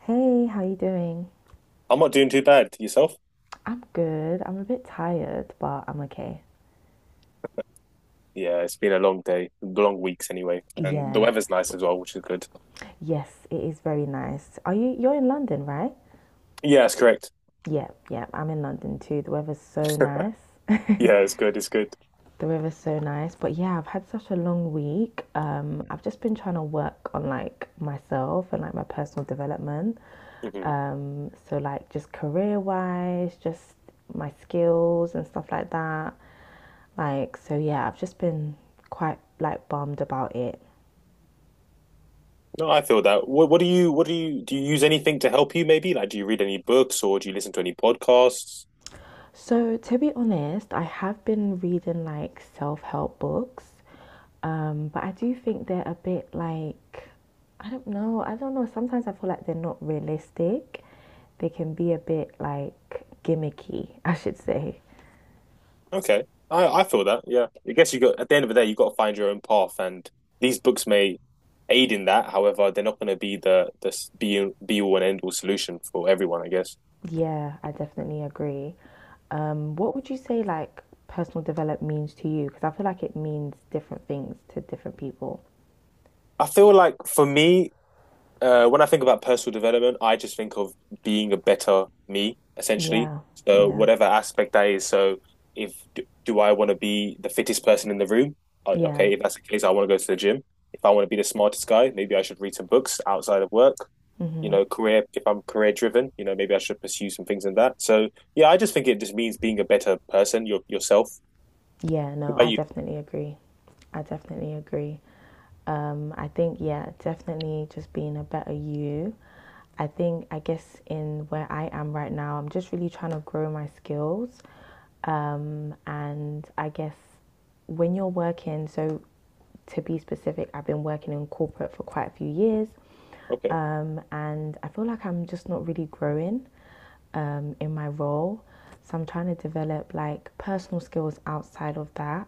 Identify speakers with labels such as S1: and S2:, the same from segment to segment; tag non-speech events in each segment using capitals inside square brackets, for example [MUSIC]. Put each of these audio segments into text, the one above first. S1: Hey, how you doing?
S2: I'm not doing too bad. Yourself?
S1: I'm good. I'm a bit tired, but I'm okay.
S2: Yeah, it's been a long day, long weeks anyway, and the
S1: Yeah.
S2: weather's nice as well, which is good.
S1: Yes, it is very nice. Are you you're in London, right?
S2: Yeah, it's correct.
S1: Yeah, yeah, I'm in London too. The weather's so nice. [LAUGHS]
S2: Yeah, it's good. It's good.
S1: The weather's so nice. But yeah, I've had such a long week. I've just been trying to work on like myself and like my personal development.
S2: Hmm.
S1: So like just career wise, just my skills and stuff like that. Like, so yeah, I've just been quite like bummed about it.
S2: No, I feel that. What do you? What do you? Do you use anything to help you? Maybe like, do you read any books or do you listen to any podcasts?
S1: So, to be honest, I have been reading like self help books, but I do think they're a bit like, I don't know. Sometimes I feel like they're not realistic. They can be a bit like gimmicky, [LAUGHS] I should say.
S2: Okay, I feel that. Yeah, I guess you got at the end of the day, you got to find your own path, and these books may aid in that. However, they're not going to be the s- be all and end all solution for everyone. I guess.
S1: Yeah, I definitely agree. What would you say like personal development means to you? Because I feel like it means different things to different people.
S2: I feel like for me, when I think about personal development, I just think of being a better me, essentially.
S1: Yeah,
S2: So
S1: yeah,
S2: whatever aspect that is. So if do I want to be the fittest person in the room?
S1: yeah.
S2: Okay, if that's the case, I want to go to the gym. If I want to be the smartest guy, maybe I should read some books outside of work. You know, career, if I'm career driven, you know, maybe I should pursue some things in that. So yeah, I just think it just means being a better person, yourself.
S1: Yeah,
S2: What
S1: no,
S2: about
S1: I
S2: you?
S1: definitely agree. I definitely agree. I think, yeah, definitely just being a better you. I think, I guess, in where I am right now, I'm just really trying to grow my skills. And I guess when you're working, so to be specific, I've been working in corporate for quite a few years.
S2: Okay.
S1: And I feel like I'm just not really growing in my role. So I'm trying to develop like personal skills outside of that.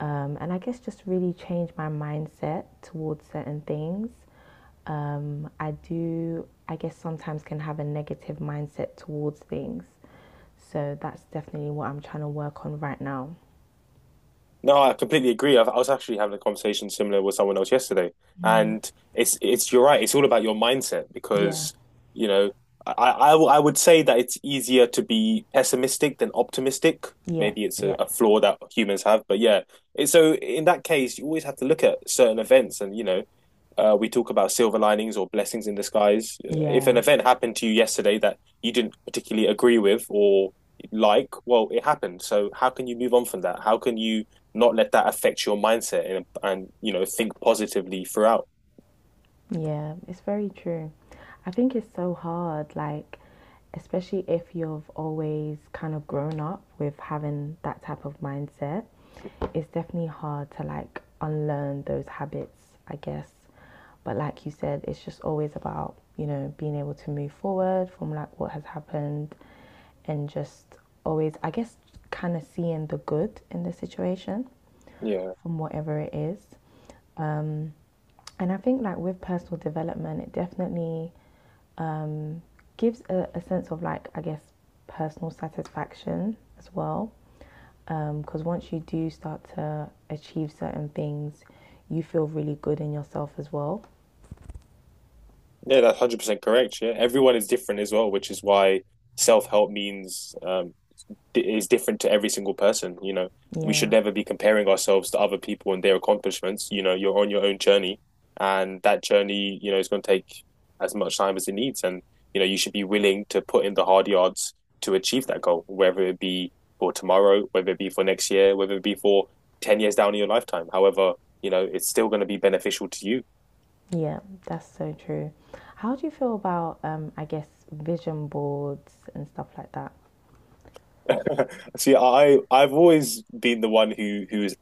S1: And I guess just really change my mindset towards certain things. I do, I guess, sometimes can have a negative mindset towards things. So that's definitely what I'm trying to work on right now.
S2: No, I completely agree. I was actually having a conversation similar with someone else yesterday, and it's you're right. It's all about your mindset
S1: Yeah,
S2: because you know I would say that it's easier to be pessimistic than optimistic.
S1: yeah,
S2: Maybe it's a,
S1: yeah,
S2: a flaw that humans have, but yeah. So in that case, you always have to look at certain events, and we talk about silver linings or blessings in disguise. If an
S1: yeah.
S2: event happened to you yesterday that you didn't particularly agree with, or like, well, it happened. So how can you move on from that? How can you not let that affect your mindset and think positively throughout?
S1: Yeah, it's very true. I think it's so hard, like, especially if you've always kind of grown up with having that type of mindset, it's definitely hard to like unlearn those habits, I guess. But like you said, it's just always about, you know, being able to move forward from like what has happened and just always, I guess, kind of seeing the good in the situation
S2: Yeah,
S1: from whatever it is. Um, and I think like with personal development, it definitely um, gives a sense of like I guess personal satisfaction as well. Because once you do start to achieve certain things, you feel really good in yourself as well.
S2: yeah, that's 100% correct. Yeah, everyone is different as well, which is why self help means is different to every single person. You know, we should
S1: Yeah,
S2: never be comparing ourselves to other people and their accomplishments. You know, you're on your own journey, and that journey is going to take as much time as it needs. And you should be willing to put in the hard yards to achieve that goal, whether it be for tomorrow, whether it be for next year, whether it be for 10 years down in your lifetime. However it's still going to be beneficial to you.
S1: yeah, that's so true. How do you feel about I guess vision boards and stuff like that?
S2: [LAUGHS] See, I've always been the one who is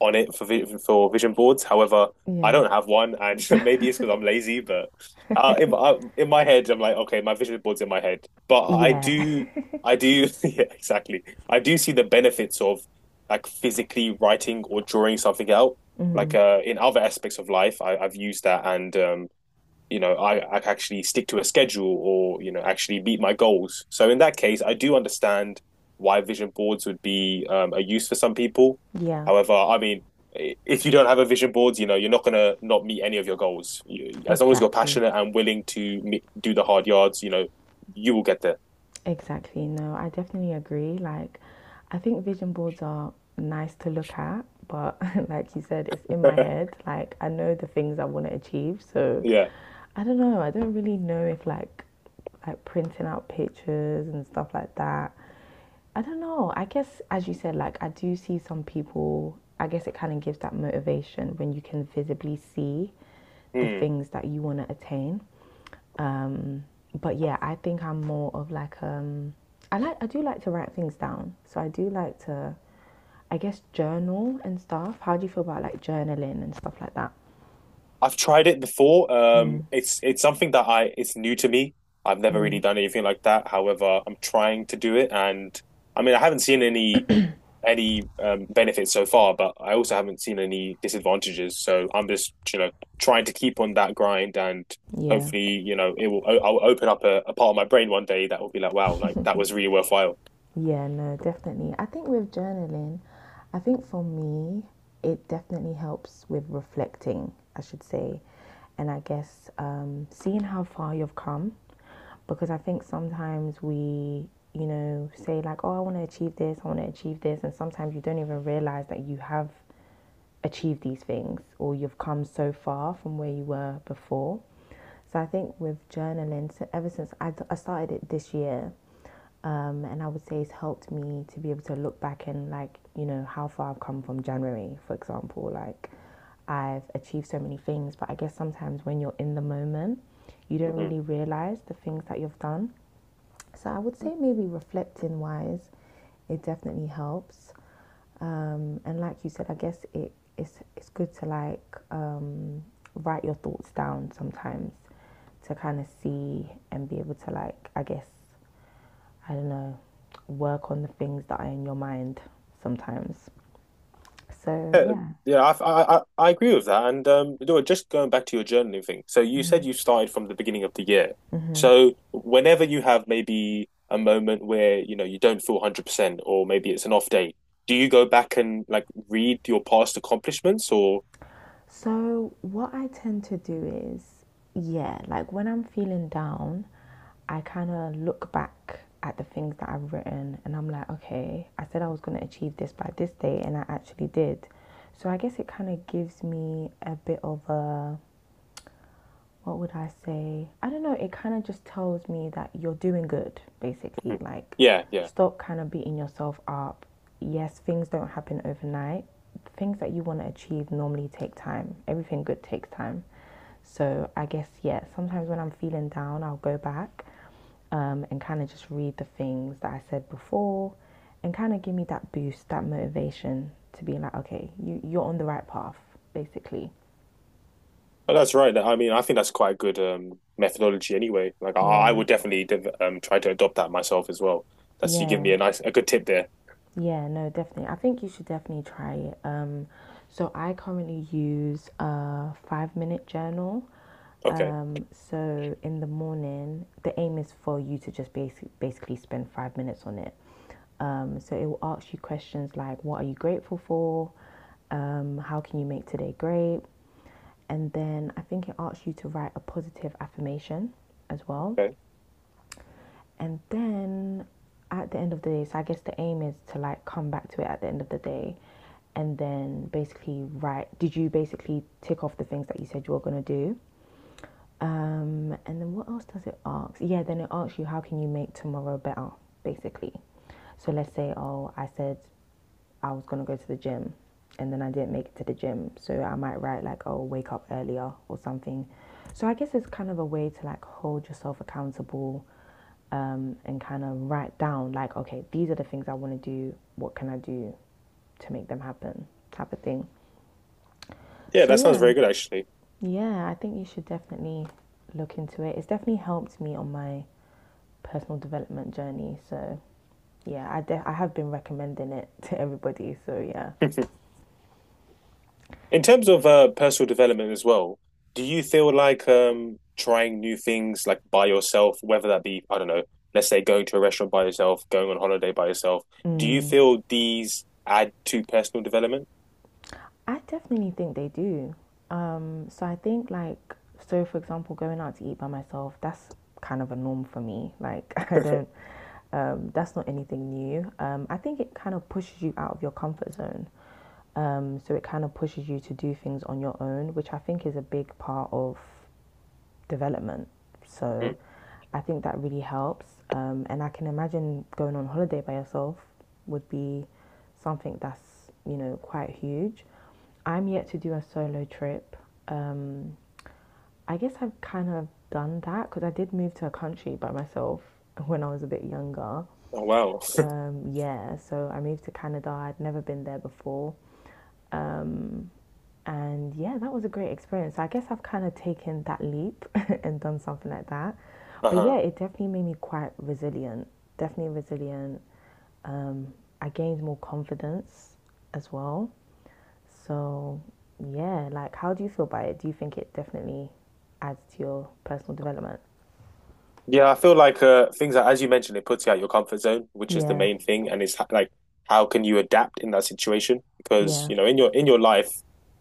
S2: on it for vision boards. However, I
S1: Yeah,
S2: don't have one, and [LAUGHS] maybe it's because I'm lazy. But in my head, I'm like, okay, my vision board's in my head. But I
S1: yeah,
S2: do, I do, [LAUGHS] yeah, exactly. I do see the benefits of like physically writing or drawing something out.
S1: [LAUGHS] hmm
S2: Like, in other aspects of life, I've used that, and I actually stick to a schedule, or actually meet my goals. So in that case, I do understand why vision boards would be, a use for some people.
S1: yeah,
S2: However, I mean, if you don't have a vision board, you're not going to not meet any of your goals, as long as you're
S1: exactly.
S2: passionate and willing to do the hard yards, you will get there.
S1: Exactly. No, I definitely agree. Like, I think vision boards are nice to look at, but [LAUGHS] like you said, it's in my
S2: [LAUGHS]
S1: head. Like, I know the things I want to achieve, so
S2: Yeah.
S1: I don't know. I don't really know if like like printing out pictures and stuff like that. I don't know. I guess as you said, like I do see some people. I guess it kind of gives that motivation when you can visibly see the
S2: Hmm.
S1: things that you want to attain. Um, but yeah, I think I'm more of like I like I do like to write things down. So I do like to, I guess, journal and stuff. How do you feel about like journaling and stuff like that?
S2: i've tried it before um
S1: Mm,
S2: it's it's something that I it's new to me. I've never
S1: mm,
S2: really done anything like that. However, I'm trying to do it, and I mean I haven't seen any benefits so far, but I also haven't seen any disadvantages. So I'm just, trying to keep on that grind, and
S1: yeah.
S2: hopefully I'll open up a part of my brain one day that will be like, wow, like that was really worthwhile.
S1: Yeah, no, definitely. I think with journaling, I think for me, it definitely helps with reflecting, I should say, and I guess seeing how far you've come. Because I think sometimes we, you know, say like, oh, I want to achieve this, I want to achieve this, and sometimes you don't even realize that you have achieved these things or you've come so far from where you were before. So I think with journaling, so ever since I started it this year, and I would say it's helped me to be able to look back and like you know how far I've come from January, for example. Like I've achieved so many things, but I guess sometimes when you're in the moment, you don't
S2: Mm-hmm.
S1: really realize the things that you've done. So I would say maybe reflecting wise, it definitely helps. And like you said, I guess it's good to like write your thoughts down sometimes to kind of see and be able to like I guess I don't know, work on the things that are in your mind sometimes. So,
S2: Yeah,
S1: yeah.
S2: yeah, I agree with that. And just going back to your journaling thing. So you said you started from the beginning of the year. So whenever you have maybe a moment where you don't feel 100% or maybe it's an off day, do you go back and like read your past accomplishments, or
S1: So, what I tend to do is, yeah, like when I'm feeling down, I kind of look back at the things that I've written and I'm like, okay, I said I was going to achieve this by this day and I actually did. So, I guess it kind of gives me a bit of a what would I say? I don't know. It kind of just tells me that you're doing good, basically. Like,
S2: Yeah, yeah.
S1: stop kind of beating yourself up. Yes, things don't happen overnight. Things that you want to achieve normally take time. Everything good takes time. So, I guess, yeah, sometimes when I'm feeling down, I'll go back and kind of just read the things that I said before and kind of give me that boost, that motivation to be like, okay, you, you're on the right path, basically.
S2: But that's right. I mean, I think that's quite a good methodology anyway. Like, I
S1: Yeah,
S2: would definitely div try to adopt that myself as well. That's you give
S1: yeah.
S2: me a nice, a good tip there.
S1: Yeah, no, definitely. I think you should definitely try it. So I currently use a 5 minute journal.
S2: Okay,
S1: So in the morning, the aim is for you to just basically spend 5 minutes on it. So it will ask you questions like, what are you grateful for? How can you make today great? And then I think it asks you to write a positive affirmation as well.
S2: okay.
S1: And then at the end of the day, so I guess the aim is to like come back to it at the end of the day and then basically write did you basically tick off the things that you said you were going to do? And then what else does it ask? Yeah, then it asks you how can you make tomorrow better, basically. So let's say, oh, I said I was going to go to the gym and then I didn't make it to the gym. So I might write like, oh, wake up earlier or something. So I guess it's kind of a way to like hold yourself accountable and kind of write down like, okay, these are the things I want to do. What can I do to make them happen? Type of thing.
S2: Yeah,
S1: So
S2: that sounds
S1: yeah,
S2: very good actually. [LAUGHS]
S1: yeah, I think you should definitely look into it. It's definitely helped me on my personal development journey. So yeah, I have been recommending it [LAUGHS] to everybody. So yeah,
S2: In terms of personal development as well, do you feel like trying new things like by yourself, whether that be, I don't know, let's say going to a restaurant by yourself, going on holiday by yourself, do you
S1: mm,
S2: feel these add to personal development? [LAUGHS]
S1: I definitely think they do. So I think like so for example, going out to eat by myself that's kind of a norm for me. Like [LAUGHS] I don't. That's not anything new. I think it kind of pushes you out of your comfort zone. So it kind of pushes you to do things on your own, which I think is a big part of development. So
S2: Hmm.
S1: I think that really helps. And I can imagine going on holiday by yourself would be something that's, you know, quite huge. I'm yet to do a solo trip. Um, I guess I've kind of done that because I did move to a country by myself [LAUGHS] when I was a bit younger.
S2: Oh, wow. [LAUGHS]
S1: Yeah, so I moved to Canada. I'd never been there before. Um, and yeah, that was a great experience. So I guess I've kind of taken that leap [LAUGHS] and done something like that. But
S2: Uh-huh.
S1: yeah, it definitely made me quite resilient. Definitely resilient. Um, I gained more confidence as well. So yeah, like how do you feel about it? Do you think it definitely adds to your personal development?
S2: Yeah, I feel like things that, as you mentioned, it puts you out your comfort zone, which is the
S1: Yeah,
S2: main thing, and it's like, how can you adapt in that situation? Because
S1: yeah,
S2: in your life,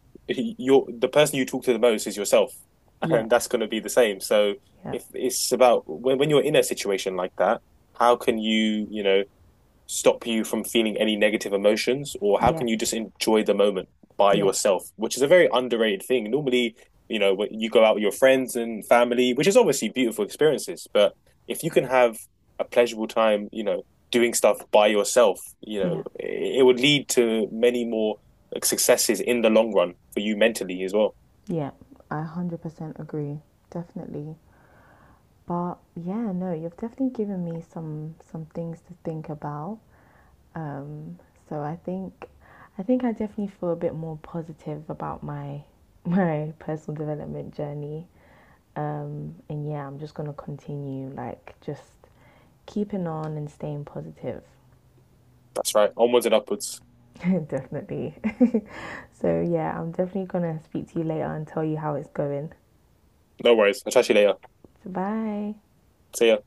S2: [LAUGHS] you're the person you talk to the most is yourself, [LAUGHS] and
S1: yep,
S2: that's going to be the same. So
S1: yep,
S2: if it's about when you're in a situation like that, how can you you know stop you from feeling any negative emotions, or how can
S1: yep,
S2: you just enjoy the moment by
S1: yep,
S2: yourself, which is a very underrated thing normally. When you go out with your friends and family, which is obviously beautiful experiences, but if you can have a pleasurable time, doing stuff by yourself,
S1: yeah.
S2: it would lead to many more, like, successes in the long run for you mentally as well.
S1: Yeah, I 100% agree. Definitely. But yeah, no, you've definitely given me some things to think about. Um, so I think I definitely feel a bit more positive about my [LAUGHS] my personal development journey. And yeah, I'm just gonna continue like just keeping on and staying positive.
S2: That's right, onwards and upwards.
S1: [LAUGHS] definitely. So yeah, I'm definitely gonna speak to you later and tell you how it's going.
S2: No worries, I'll chat to you later.
S1: So bye.
S2: See ya.